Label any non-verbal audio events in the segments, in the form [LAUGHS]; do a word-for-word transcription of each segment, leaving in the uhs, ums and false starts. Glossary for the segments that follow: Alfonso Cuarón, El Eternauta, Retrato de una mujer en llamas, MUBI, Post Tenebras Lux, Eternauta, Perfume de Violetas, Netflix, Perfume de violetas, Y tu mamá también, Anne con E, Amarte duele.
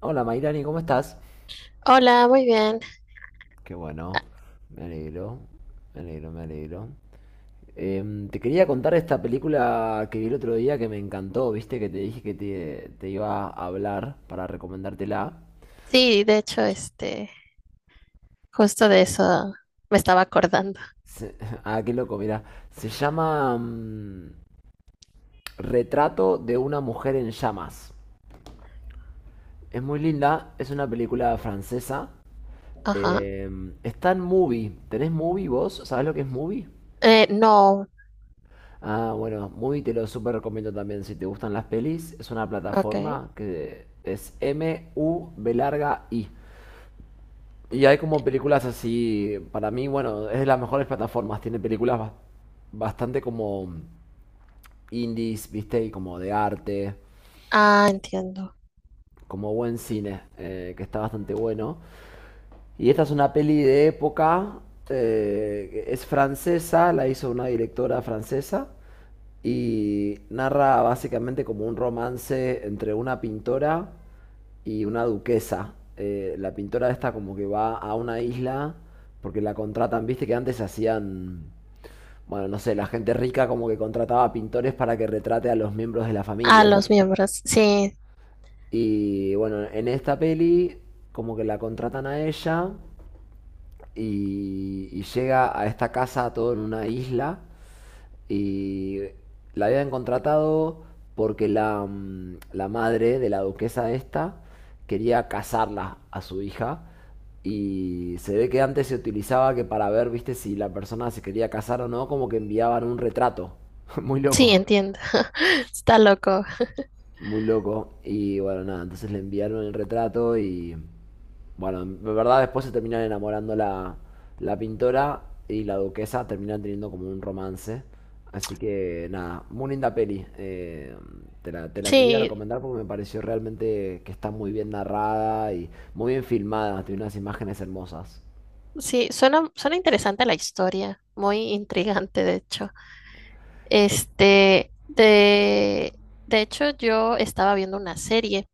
Hola Mayrani, ¿cómo estás? Hola, muy bien. Qué bueno, me alegro, me alegro, me alegro. Em, te quería contar esta película que vi el otro día que me encantó, viste que te dije que te, te iba a hablar para recomendártela. Sí, de hecho, este, justo de eso me estaba acordando. Se- [LAUGHS] ah, qué loco, mira. Se llama mm, Retrato de una mujer en llamas. Es muy linda, es una película francesa. Ajá. Em, está en Movie. ¿Tenés Movie vos? ¿Sabés lo que es Movie? Eh, no, Ah, bueno, Movie te lo súper recomiendo también si te gustan las pelis. Es una ok. plataforma que es M-U-B larga I. Y hay como películas así, para mí, bueno, es de las mejores plataformas. Tiene películas bas- bastante como indies, viste, y como de arte, Ah, entiendo. como buen cine, eh, que está bastante bueno. Y esta es una peli de época, eh, es francesa, la hizo una directora francesa y narra básicamente como un romance entre una pintora y una duquesa. Eh, la pintora esta como que va a una isla porque la contratan, viste que antes hacían, bueno, no sé, la gente rica como que contrataba pintores para que retrate a los miembros de la Ah, familia. los miembros. Sí, Y bueno, en esta peli como que la contratan a ella y, y llega a esta casa todo en una isla y la habían contratado porque la, mm, la madre de la duquesa esta quería casarla a su hija y se ve que antes se utilizaba que para ver, viste, si la persona se quería casar o no, como que enviaban un retrato. [LAUGHS] Muy sí, loco. entiendo. [LAUGHS] Está loco. Muy loco. Y bueno, nada, entonces le enviaron el retrato y bueno, en verdad después se terminan enamorando la, la pintora y la duquesa, terminan teniendo como un romance. Así que nada, muy linda peli. eh, te la, te la quería Sí, recomendar porque me pareció realmente que está muy bien narrada y muy bien filmada, tiene unas imágenes hermosas. sí, suena, suena interesante la historia, muy intrigante, de hecho. Este, de, de hecho, yo estaba viendo una serie.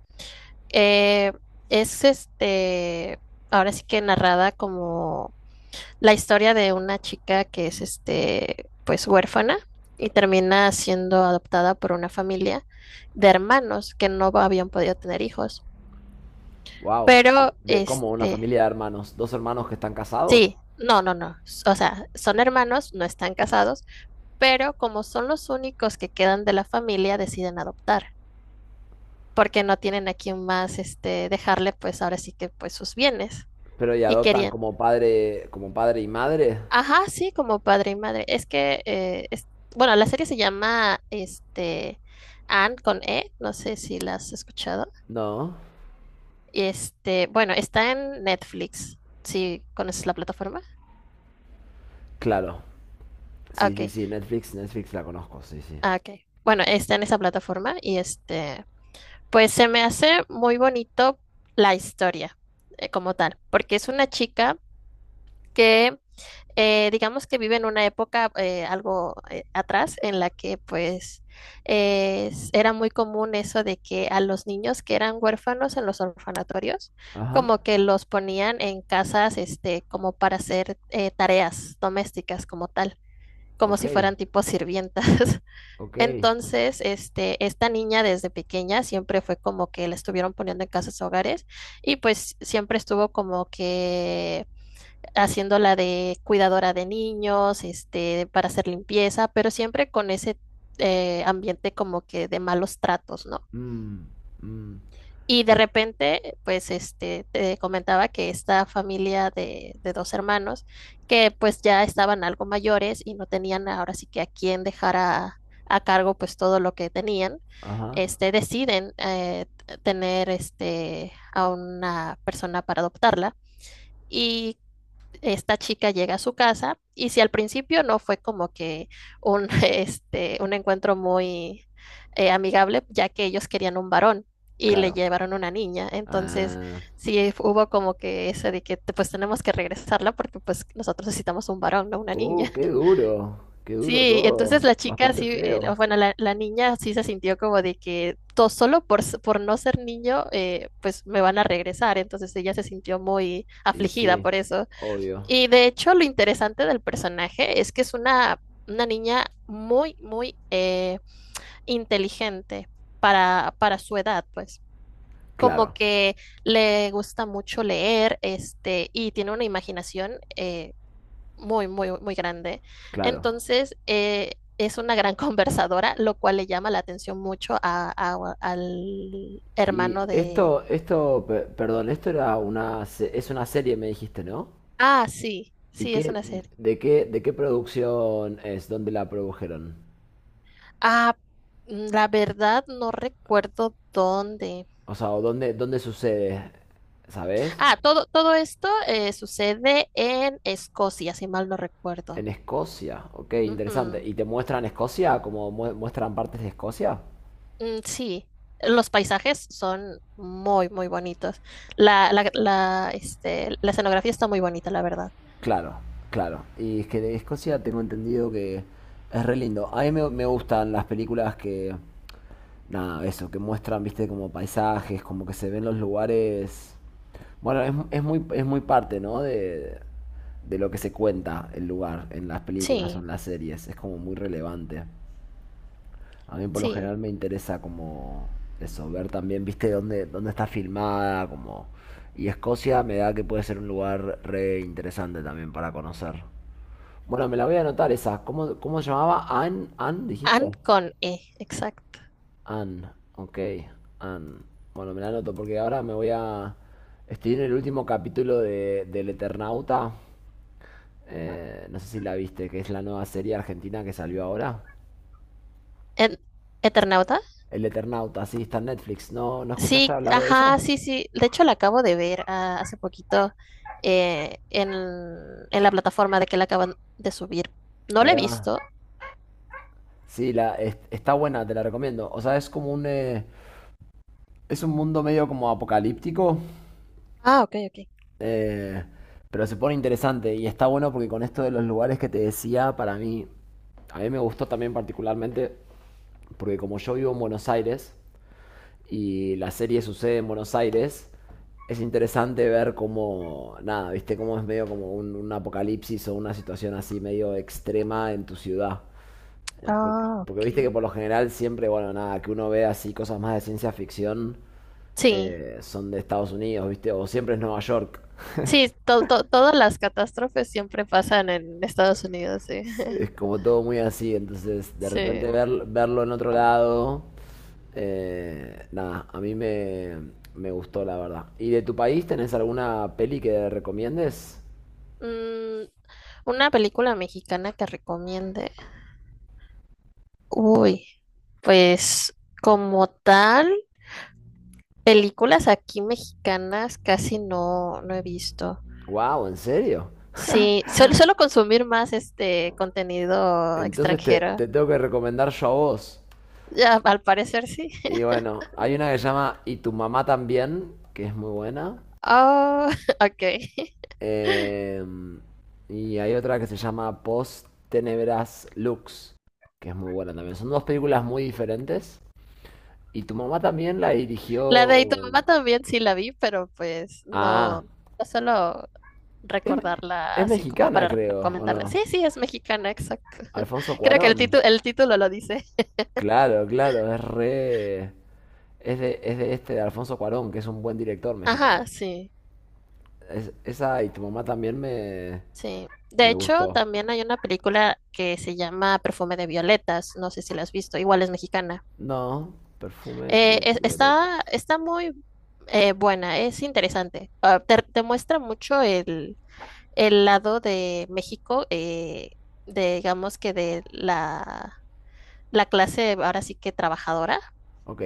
Eh, es este, ahora sí que narrada como la historia de una chica que es este, pues huérfana y termina siendo adoptada por una familia de hermanos que no habían podido tener hijos. Wow, Pero de como una este, familia de hermanos, dos hermanos que están casados, sí, no, no, no. O sea, son hermanos, no están casados, pero como son los únicos que quedan de la familia, deciden adoptar, porque no tienen a quien más este dejarle, pues ahora sí que pues sus bienes. pero y Y adoptan querían, como padre, como padre y madre. ajá, sí, como padre y madre. Es que, eh, es- bueno, la serie se llama, este, Anne con E, no sé si la has escuchado. No, Y Este, bueno, está en Netflix. ¿Sí conoces la plataforma? claro. Ah, Sí, ok, sí, sí, Netflix, Netflix la conozco, sí, sí. ah, ok. Bueno, está en esa plataforma y este, pues se me hace muy bonito la historia eh, como tal, porque es una chica que eh, digamos que vive en una época eh, algo eh, atrás en la que pues eh, s- era muy común eso de que a los niños que eran huérfanos en los orfanatorios, Ajá. como que los ponían en casas este, como para hacer eh, tareas domésticas como tal, como Ok, si fueran tipo sirvientas. [LAUGHS] ok. Entonces, este, esta niña desde pequeña siempre fue como que la estuvieron poniendo en casas hogares y pues siempre estuvo como que haciéndola de cuidadora de niños, este, para hacer limpieza, pero siempre con ese eh, ambiente como que de malos tratos, ¿no? Mm, mm, Y de que- repente, pues, este, te comentaba que esta familia de, de dos hermanos, que pues ya estaban algo mayores y no tenían ahora sí que a quién dejar a, a cargo pues todo lo que tenían, ajá, este, deciden eh, t- tener este, a una persona para adoptarla. Y esta chica llega a su casa y si al principio no fue como que un, [LAUGHS] este, un encuentro muy eh, amigable, ya que ellos querían un varón y le claro. llevaron una niña. Entonces, Ah, sí hubo como que eso de que te- pues tenemos que regresarla porque pues nosotros necesitamos un varón, no una uh, niña. qué [LAUGHS] duro, qué duro Sí, entonces todo. la chica Bastante sí, eh, feo. o bueno, la, la niña sí se sintió como de que todo solo por, s- por no ser niño, eh, pues me van a regresar. Entonces ella se sintió muy Y afligida sí, por eso. obvio. Y de hecho, lo interesante del personaje es que es una, una niña muy, muy eh, inteligente para, para su edad, pues. Como Claro, que le gusta mucho leer, este, y tiene una imaginación eh, muy, muy, muy grande. claro. Entonces, eh, es una gran [LAUGHS] conversadora, lo cual le llama la atención mucho a, a- al Y hermano de... esto, esto, pe- perdón, esto era una, se- es una serie, me dijiste, ¿no? Ah, sí, ¿Y sí, es qué, una serie. de qué, de qué producción es? ¿Dónde la produjeron? Ah, mm, la verdad no recuerdo dónde. O sea, ¿o ¿dónde, dónde sucede? ¿Sabes? Ah, todo, todo esto eh, sucede en Escocia, si mal no recuerdo. En Escocia, ok, interesante. Ujú. ¿Y te muestran Escocia? ¿Como mu- muestran partes de Escocia? Mm, sí, los paisajes son muy, muy bonitos. La, la, la, este, la escenografía está muy bonita, la verdad. Claro, claro. Y es que de Escocia tengo entendido que es re lindo. A mí me, me gustan las películas que, nada, eso, que muestran, viste, como paisajes, como que se ven los lugares. Bueno, es, es muy, es muy parte, ¿no? De, de lo que se cuenta el lugar en las películas o Sí, en las series. Es como muy relevante. A mí por lo sí. general me interesa como eso, ver también, viste, dónde, dónde está filmada, como... Y Escocia me da que puede ser un lugar re interesante también para conocer. Bueno, me la voy a anotar esa. ¿Cómo, cómo se llamaba? Anne, Anne, Anne dijiste. con E, exacto. Anne, ok, Anne. Bueno, me la anoto porque ahora me voy a... Estoy en el último capítulo de, del Eternauta. Eh, no sé si la viste, que es la nueva serie argentina que salió ahora. En, ¿Eternauta? El Eternauta, sí, está en Netflix. ¿No, no escuchaste Sí, hablar de ella? ajá, sí, sí. De hecho, la acabo de ver ah, hace poquito eh, en, en la plataforma de que la acaban de subir. No la he Ahí va. visto. Sí, la, es- está buena, te la recomiendo. O sea, es como un... eh, es un mundo medio como apocalíptico, Ah, ok, ok. eh, pero se pone interesante y está bueno porque con esto de los lugares que te decía, para mí, a mí me gustó también particularmente porque como yo vivo en Buenos Aires y la serie sucede en Buenos Aires, es interesante ver cómo, nada, viste, cómo es medio como un, un apocalipsis o una situación así medio extrema en tu ciudad. Eh, por- Ah, Porque, ok. viste que por lo general siempre, bueno, nada, que uno ve así cosas más de ciencia ficción Sí, eh, son de Estados Unidos, viste, o siempre es Nueva York. sí, to- to- todas las catástrofes siempre pasan en Estados Unidos, sí. Es [LAUGHS] es [LAUGHS] como todo muy así, entonces de Sí. repente ver- verlo en otro lado, eh, nada, a mí me, me gustó la verdad. ¿Y de tu país tenés alguna peli que recomiendes? Mm, una película mexicana que recomiende. Uy, pues como tal, películas aquí mexicanas casi no, no he visto. Wow, ¿en serio? Sí, suelo, suelo consumir más este contenido Entonces te, extranjero. te tengo que recomendar yo a vos. Ya, al parecer sí. Y [LAUGHS] bueno, hay una que se llama Y tu mamá también, que es muy buena. Oh, [LAUGHS] ok. Eh, y hay otra que se llama Post Tenebras Lux, que es muy buena también. Son dos películas muy diferentes. Y tu mamá también la La de tu dirigió. mamá también sí la vi, pero pues Ah, no, no suelo es, recordarla es así como mexicana, para creo, ¿o recomendarla. Sí, no? sí, es mexicana, exacto. [LAUGHS] Alfonso Creo que el Cuarón. título, el título lo dice. Claro, claro, es re. Es de, es de este de Alfonso Cuarón, que es un buen director mexicano. Ajá, sí, Es- esa y tu mamá también me, sí. De me hecho, gustó. también hay una película que se llama Perfume de Violetas. No sé si la has visto, igual es mexicana. No, perfume Eh, de es- está, violetas. está muy eh, buena, es interesante. Ah, te, te muestra mucho el, el lado de México, eh, de, digamos que de la, la clase ahora sí que trabajadora, Ok.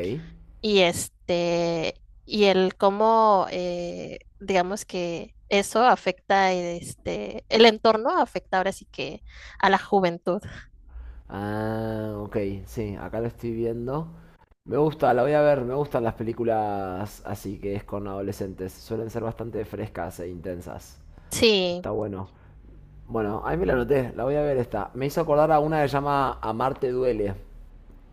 y este, y el cómo, eh, digamos que eso afecta este, el entorno afecta ahora sí que a la juventud. Ah, ok, sí, acá lo estoy viendo. Me gusta, la voy a ver, me gustan las películas así que es con adolescentes. Suelen ser bastante frescas e intensas. Sí. Está bueno. Bueno, ahí me la anoté, la voy a ver esta. Me hizo acordar a una que se llama Amarte duele.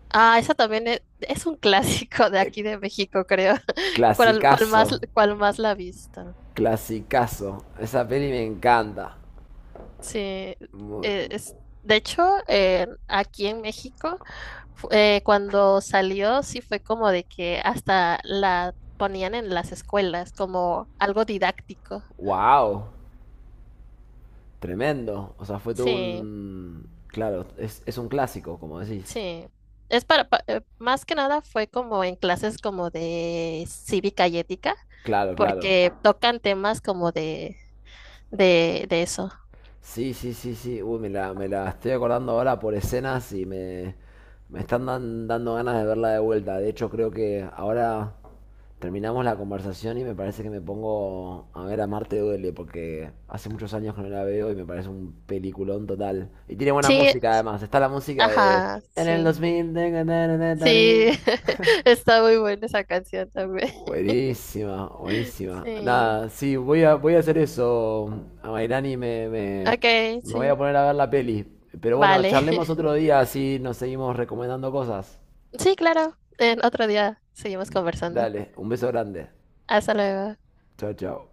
Ah, esa también es, es un [LAUGHS] clásico de Eh, aquí de México, creo. ¿Cuál, cuál más, Clasicazo, Cuál más la vista? clasicazo. Esa peli me encanta. Sí, eh, Muy- es, de hecho, eh, aquí en México, fu- eh, cuando salió, sí fue como de que hasta la ponían en las escuelas como algo didáctico. wow, tremendo. O sea, fue todo Sí, un... Claro, es, es un clásico, como decís. sí. Es para, pa- eh, más que nada fue como en clases como de cívica y ética, Claro, claro. porque tocan temas como de, de, de eso. Sí, sí, sí, sí. Uy, me la, me la estoy acordando ahora por escenas y me, me están dan- dando ganas de verla de vuelta. De hecho, creo que ahora terminamos la conversación y me parece que me pongo a ver a Marte Duele porque hace muchos años que no la veo y me parece un peliculón total. Y tiene buena Sí, música además. Está la música de... ajá, En el sí. dos mil... Sí, [LAUGHS] está muy buena esa canción también. Buenísima, buenísima. Sí, Nada, sí, voy a, voy a hacer eso, Amairani, me, me, ok, me voy a sí, poner a ver la peli. Pero bueno, vale. charlemos [LAUGHS] otro día, así nos seguimos recomendando cosas. Sí, claro, en otro día seguimos conversando. Dale, un beso grande. Hasta luego. Chao, chao.